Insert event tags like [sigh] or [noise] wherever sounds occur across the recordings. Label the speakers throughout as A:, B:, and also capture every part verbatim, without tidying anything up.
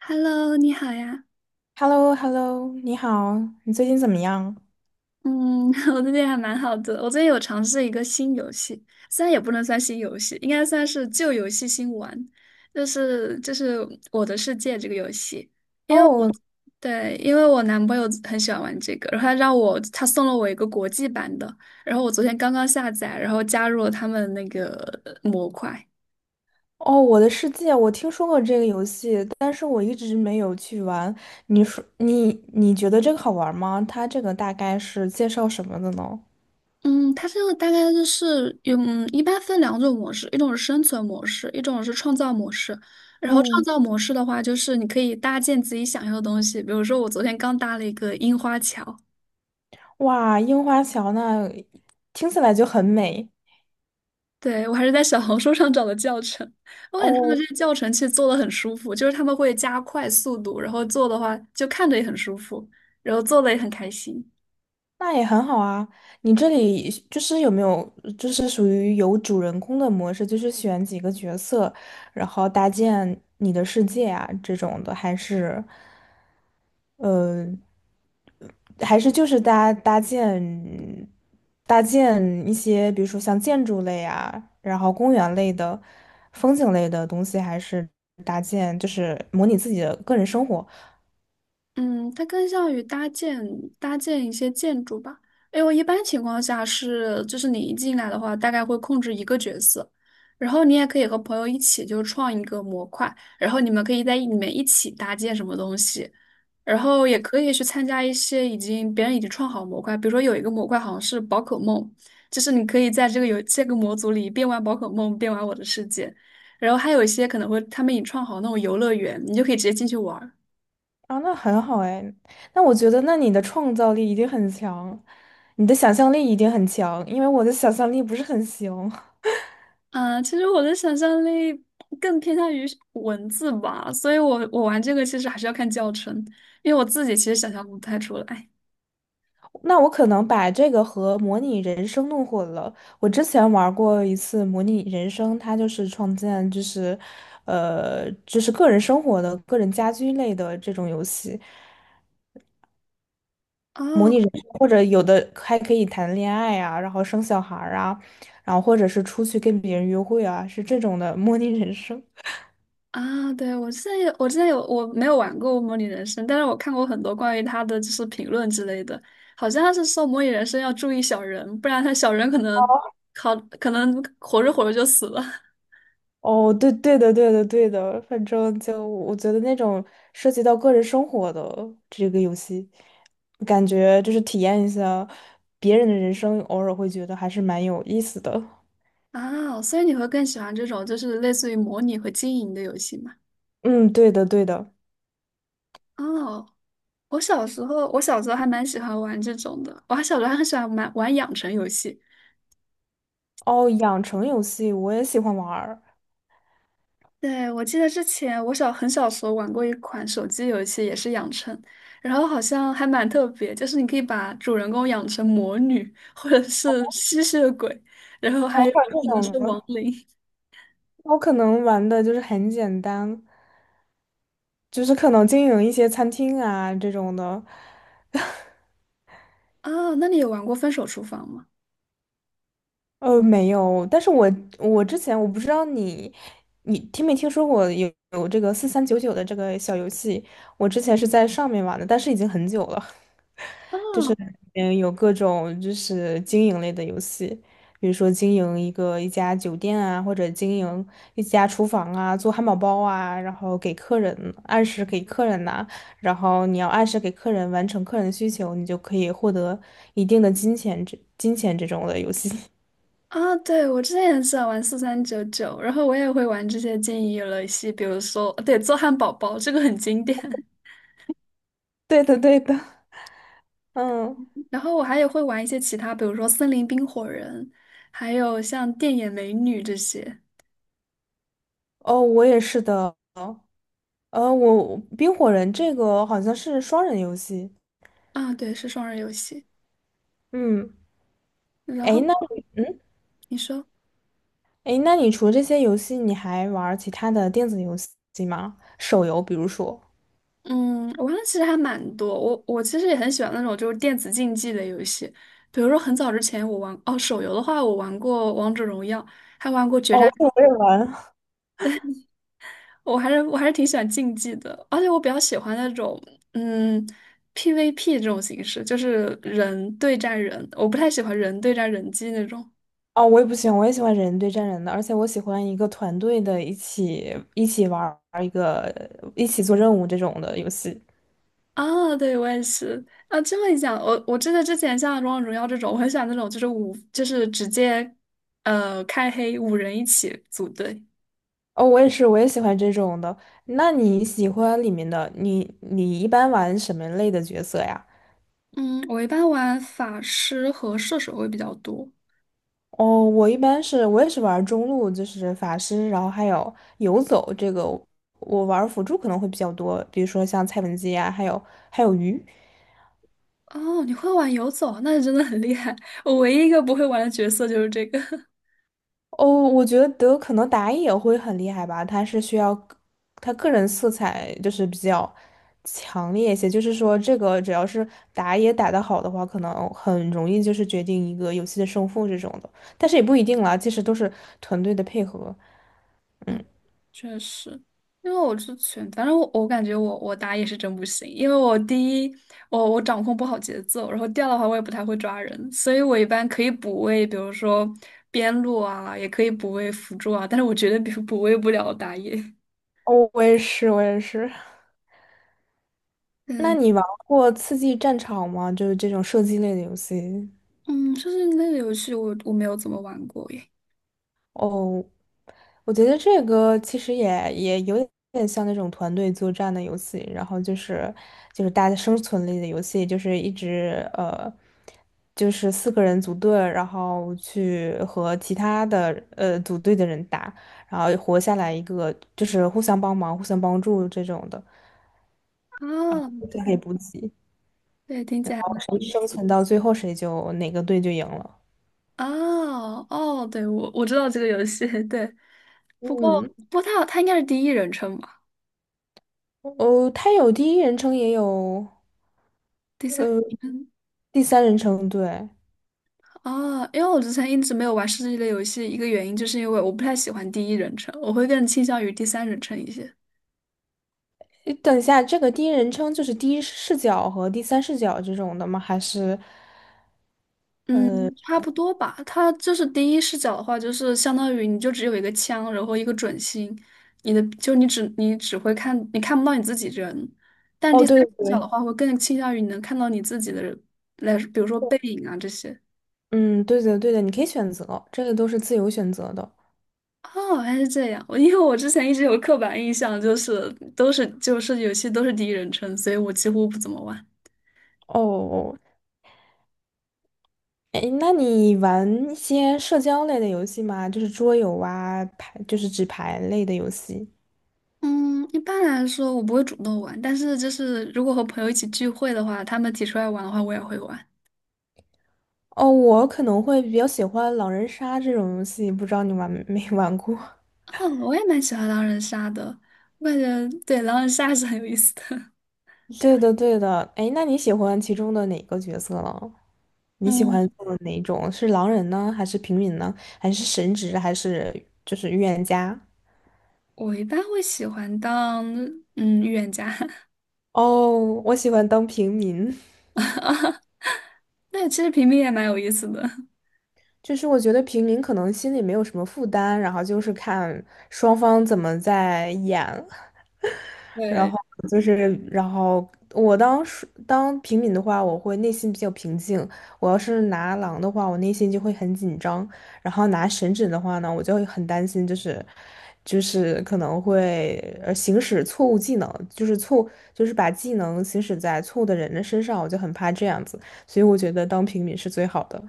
A: Hello，你好呀。
B: h e l l o h e l l o 你好，你最近怎么样？
A: 嗯，[laughs] 我最近还蛮好的。我最近有尝试一个新游戏，虽然也不能算新游戏，应该算是旧游戏新玩，就是就是《我的世界》这个游戏。因为我
B: 哦
A: 对，因为我男朋友很喜欢玩这个，然后他让我他送了我一个国际版的，然后我昨天刚刚下载，然后加入了他们那个模块。
B: 哦，我的世界，我听说过这个游戏，但是我一直没有去玩。你说你你觉得这个好玩吗？它这个大概是介绍什么的呢？
A: 嗯，它这个大概就是有，嗯一般分两种模式，一种是生存模式，一种是创造模式。然后创
B: 嗯，
A: 造模式的话，就是你可以搭建自己想要的东西，比如说我昨天刚搭了一个樱花桥，
B: 哇，樱花桥那听起来就很美。
A: 对，我还是在小红书上找的教程，我感觉他们
B: 哦，
A: 这个教程其实做的很舒服，就是他们会加快速度，然后做的话就看着也很舒服，然后做的也很开心。
B: 那也很好啊。你这里就是有没有就是属于有主人公的模式，就是选几个角色，然后搭建你的世界啊这种的，还是？呃，还是就是搭搭建搭建一些，比如说像建筑类啊，然后公园类的、风景类的东西，还是搭建，就是模拟自己的个人生活。
A: 嗯，它更像于搭建搭建一些建筑吧。因为一般情况下是，就是你一进来的话，大概会控制一个角色，然后你也可以和朋友一起就创一个模块，然后你们可以在里面一起搭建什么东西，然后也可以去参加一些已经别人已经创好模块，比如说有一个模块好像是宝可梦，就是你可以在这个游这个模组里边玩宝可梦边玩我的世界，然后还有一些可能会他们已经创好那种游乐园，你就可以直接进去玩儿
B: 啊，那很好哎。那我觉得，那你的创造力一定很强，你的想象力一定很强，因为我的想象力不是很行。
A: 啊，其实我的想象力更偏向于是文字吧，所以我我玩这个其实还是要看教程，因为我自己其实想象不太出来。
B: 那我可能把这个和模拟人生弄混了。我之前玩过一次模拟人生，它就是创建，就是，呃，就是个人生活的、个人家居类的这种游戏，模
A: 哦
B: 拟人生，或者有的还可以谈恋爱啊，然后生小孩儿啊，然后或者是出去跟别人约会啊，是这种的模拟人生。
A: 啊，对，我之前有，我之前有，我没有玩过《模拟人生》，但是我看过很多关于他的就是评论之类的，好像他是说《模拟人生》要注意小人，不然他小人可能好可能活着活着就死了
B: 哦，对对的，对的，对的，反正就我觉得那种涉及到个人生活的这个游戏，感觉就是体验一下别人的人生，偶尔会觉得还是蛮有意思的。
A: [laughs] 啊，所以你会更喜欢这种就是类似于模拟和经营的游戏吗？
B: 嗯，对的，对的。
A: 哦，我小时候，我小时候还蛮喜欢玩这种的。我还小时候还很喜欢玩玩养成游戏。
B: 哦，养成游戏我也喜欢玩儿。
A: 对，我记得之前我小很小时候玩过一款手机游戏，也是养成，然后好像还蛮特别，就是你可以把主人公养成魔女或者是吸血鬼，然后还
B: 哦，
A: 有
B: 或者这
A: 可能
B: 种呢，
A: 是亡灵。
B: 我可能玩的就是很简单，就是可能经营一些餐厅啊这种的。[laughs]
A: 啊，那你有玩过《分手厨房》吗？
B: 呃，没有，但是我我之前我不知道你，你听没听说过有有这个四三九九的这个小游戏？我之前是在上面玩的，但是已经很久了。
A: 哦
B: [laughs] 嗯，有各种就是经营类的游戏，比如说经营一个一家酒店啊，或者经营一家厨房啊，做汉堡包啊，然后给客人按时给客人拿，然后你要按时给客人完成客人的需求，你就可以获得一定的金钱这金钱这种的游戏。[laughs]
A: 啊，对，我之前也喜欢玩四三九九，然后我也会玩这些经营游戏，比如说，对，做汉堡包，这个很经典。
B: 对的，对的，嗯。
A: 然后我还也会玩一些其他，比如说森林冰火人，还有像电眼美女这些
B: 哦，我也是的。呃，我冰火人这个好像是双人游戏。
A: 啊，对，是双人游戏。
B: 嗯，
A: 然后
B: 诶，那
A: 你说，
B: 诶，那你除了这些游戏，你还玩儿其他的电子游戏吗？手游，比如说。
A: 嗯，我玩的其实还蛮多，我我其实也很喜欢那种就是电子竞技的游戏，比如说很早之前我玩，哦，手游的话我玩过王者荣耀，还玩过决
B: 哦，
A: 战，
B: 我也玩。[laughs]
A: 我还是我还是挺喜欢竞技的，而且我比较喜欢那种嗯 P V P 这种形式，就是人对战人，我不太喜欢人对战人机那种。
B: 哦，我也不喜欢，我也喜欢人对战人的，而且我喜欢一个团队的，一起一起玩儿一个，一起做任务这种的游戏。
A: 啊，对，我也是啊。这么一讲，我我真的之前像《王者荣耀》这种，我很喜欢那种就是五，就是直接呃开黑五人一起组队。
B: 哦，我也是，我也喜欢这种的。那你喜欢里面的，你你一般玩什么类的角色呀？
A: 嗯，我一般玩法师和射手会比较多。
B: 哦，我一般是我也是玩中路，就是法师，然后还有游走这个，我玩辅助可能会比较多，比如说像蔡文姬啊，还有还有鱼。
A: 哦，你会玩游走，那真的很厉害。我唯一一个不会玩的角色就是这个。[laughs]
B: 哦，我觉得可能打野会很厉害吧，他是需要个他个人色彩就是比较强烈一些，就是说这个只要是打野打得好的话，可能很容易就是决定一个游戏的胜负这种的，但是也不一定啦，其实都是团队的配合。嗯，
A: 确实，因为我之前，反正我我感觉我我打野是真不行，因为我第一我我掌控不好节奏，然后第二的话我也不太会抓人，所以我一般可以补位，比如说边路啊，也可以补位辅助啊，但是我绝对比补位不了打野。[laughs]
B: 哦，我也是，我也是。那
A: 嗯
B: 你玩过《刺激战场》吗？就是这种射击类的游戏。
A: 嗯，就是那个游戏我我没有怎么玩过耶。
B: 哦，我觉得这个其实也也有点像那种团队作战的游戏，然后就是就是大家生存类的游戏，就是一直呃，就是四个人组队，然后去和其他的呃组队的人打，然后活下来一个，就是互相帮忙、互相帮助这种的，
A: 啊，
B: 互相可
A: 对
B: 以补给，然
A: 对，听起来还
B: 后
A: 蛮
B: 谁
A: 有意
B: 生
A: 思。
B: 存到最后，谁就哪个队就赢了。
A: 哦哦，对，我我知道这个游戏，[laughs] 对，不过
B: 嗯。
A: 不过它它应该是第一人称吧，
B: 哦，它有第一人称，也有
A: 第三
B: 呃
A: 人称。
B: 第三人称。对，
A: 哦，因为我之前一直没有玩射击类游戏，一个原因就是因为我不太喜欢第一人称，我会更倾向于第三人称一些。
B: 诶等一下，这个第一人称就是第一视角和第三视角这种的吗？还是？
A: 嗯，差不多吧。它就是第一视角的话，就是相当于你就只有一个枪，然后一个准心，你的就你只你只会看，你看不到你自己人。但第
B: 哦，
A: 三
B: 对对
A: 视角的
B: 对，
A: 话，会更倾向于你能看到你自己的人，来，比如说背影啊这些。
B: 嗯，对的对的，你可以选择，这个都是自由选择的。
A: 哦，还是这样。我因为我之前一直有刻板印象，就是都是就是游戏都是第一人称，所以我几乎不怎么玩。
B: 哦，哎，那你玩一些社交类的游戏吗？就是桌游啊，牌，就是纸牌类的游戏。
A: 嗯，一般来说我不会主动玩，但是就是如果和朋友一起聚会的话，他们提出来玩的话，我也会玩。
B: 哦，我可能会比较喜欢狼人杀这种游戏，不知道你玩没玩过？
A: 哦，我也蛮喜欢狼人杀的，我感觉对狼人杀是很有意思的。[laughs]
B: 对的，对的。哎，那你喜欢其中的哪个角色呢？你喜欢
A: 嗯，
B: 做哪一种？是狼人呢，还是平民呢，还是神职，还是就是预言家？
A: 我一般会喜欢当嗯预言家，
B: 哦，我喜欢当平民，
A: [laughs] 那其实平民也蛮有意思的。
B: [laughs] 就是我觉得平民可能心里没有什么负担，然后就是看双方怎么在演。[laughs]
A: 对，
B: 就是，然后我当时当平民的话，我会内心比较平静；我要是拿狼的话，我内心就会很紧张；然后拿神指的话呢，我就会很担心，就是就是可能会呃行使错误技能，就是错就是把技能行使在错误的人的身上，我就很怕这样子。所以我觉得当平民是最好的。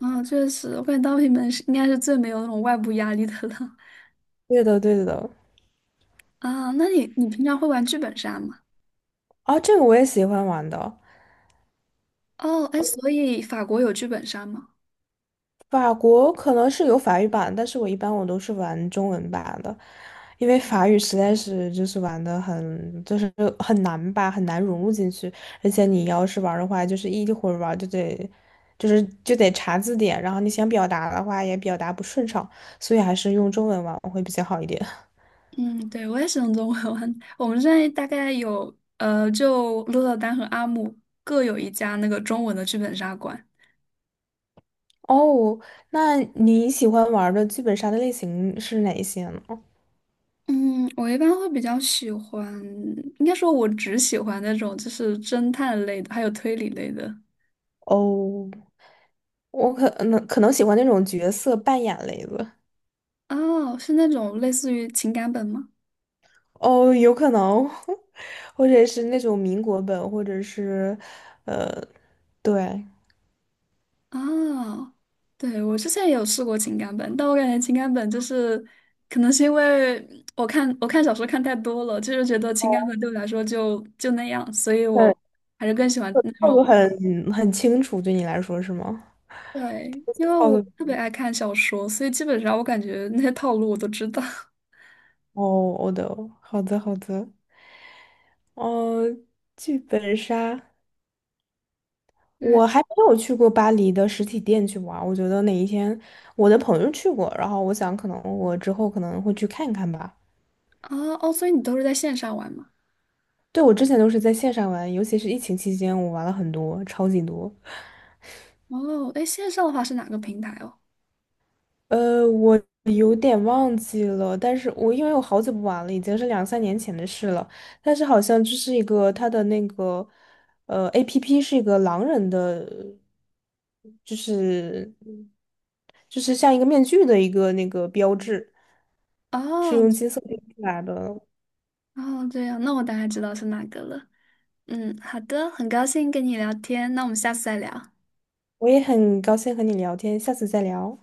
A: 啊，确实，我感觉当平民是应该是最没有那种外部压力的了。
B: 对的，对的。
A: [laughs] 啊，那你你平常会玩剧本杀吗？
B: 啊，这个我也喜欢玩的。
A: 哦，哎，所以法国有剧本杀吗？
B: 法国可能是有法语版，但是我一般我都是玩中文版的，因为法语实在是就是玩的很就是很难吧，很难融入进去，而且你要是玩的话，就是一会儿玩就得就是就得查字典，然后你想表达的话也表达不顺畅，所以还是用中文玩会比较好一点。
A: 嗯，对，我也是用中文玩。我们现在大概有，呃，就鹿特丹和阿姆各有一家那个中文的剧本杀馆。
B: [laughs] 哦，那你喜欢玩的剧本杀的类型是哪一些呢？
A: 嗯，我一般会比较喜欢，应该说我只喜欢那种就是侦探类的，还有推理类的。
B: 哦，我可能可能喜欢那种角色扮演类的。
A: 哦，是那种类似于情感本吗？
B: 哦，有可能，[laughs] 或者是那种民国本，或者是，呃，对，
A: 啊，对，我之前也有试过情感本，但我感觉情感本就是，可能是因为我看我看小说看太多了，就是觉得情感本对我来说就就那样，所以
B: 嗯，
A: 我还是更喜欢那
B: 套
A: 种，
B: 路很很清楚，对你来说是吗？
A: 对，因为
B: 套
A: 我
B: 路，
A: 特别爱看小说，所以基本上我感觉那些套路我都知道。[laughs]
B: 哦，我的，好的，好的，哦，剧本杀，
A: 对
B: 我还没有去过巴黎的实体店去玩儿我觉得哪一天我的朋友去过，然后我想可能我之后可能会去看看吧。
A: 啊，哦，所以你都是在线上玩吗？
B: 对，我之前都是在线上玩，尤其是疫情期间，我玩了很多，超级多。
A: 哦，哎，线上的话是哪个平台哦？
B: 呃，我有点忘记了，但是我因为我好久不玩了，已经是两三年前的事了。但是好像就是一个它的那个呃 A P P 是一个狼人的，就是就是像一个面具的一个那个标志，是
A: 哦，
B: 用金色拼出来的。
A: 哦，这样，那我大概知道是哪个了。嗯，好的，很高兴跟你聊天，那我们下次再聊。
B: 我也很高兴和你聊天，下次再聊。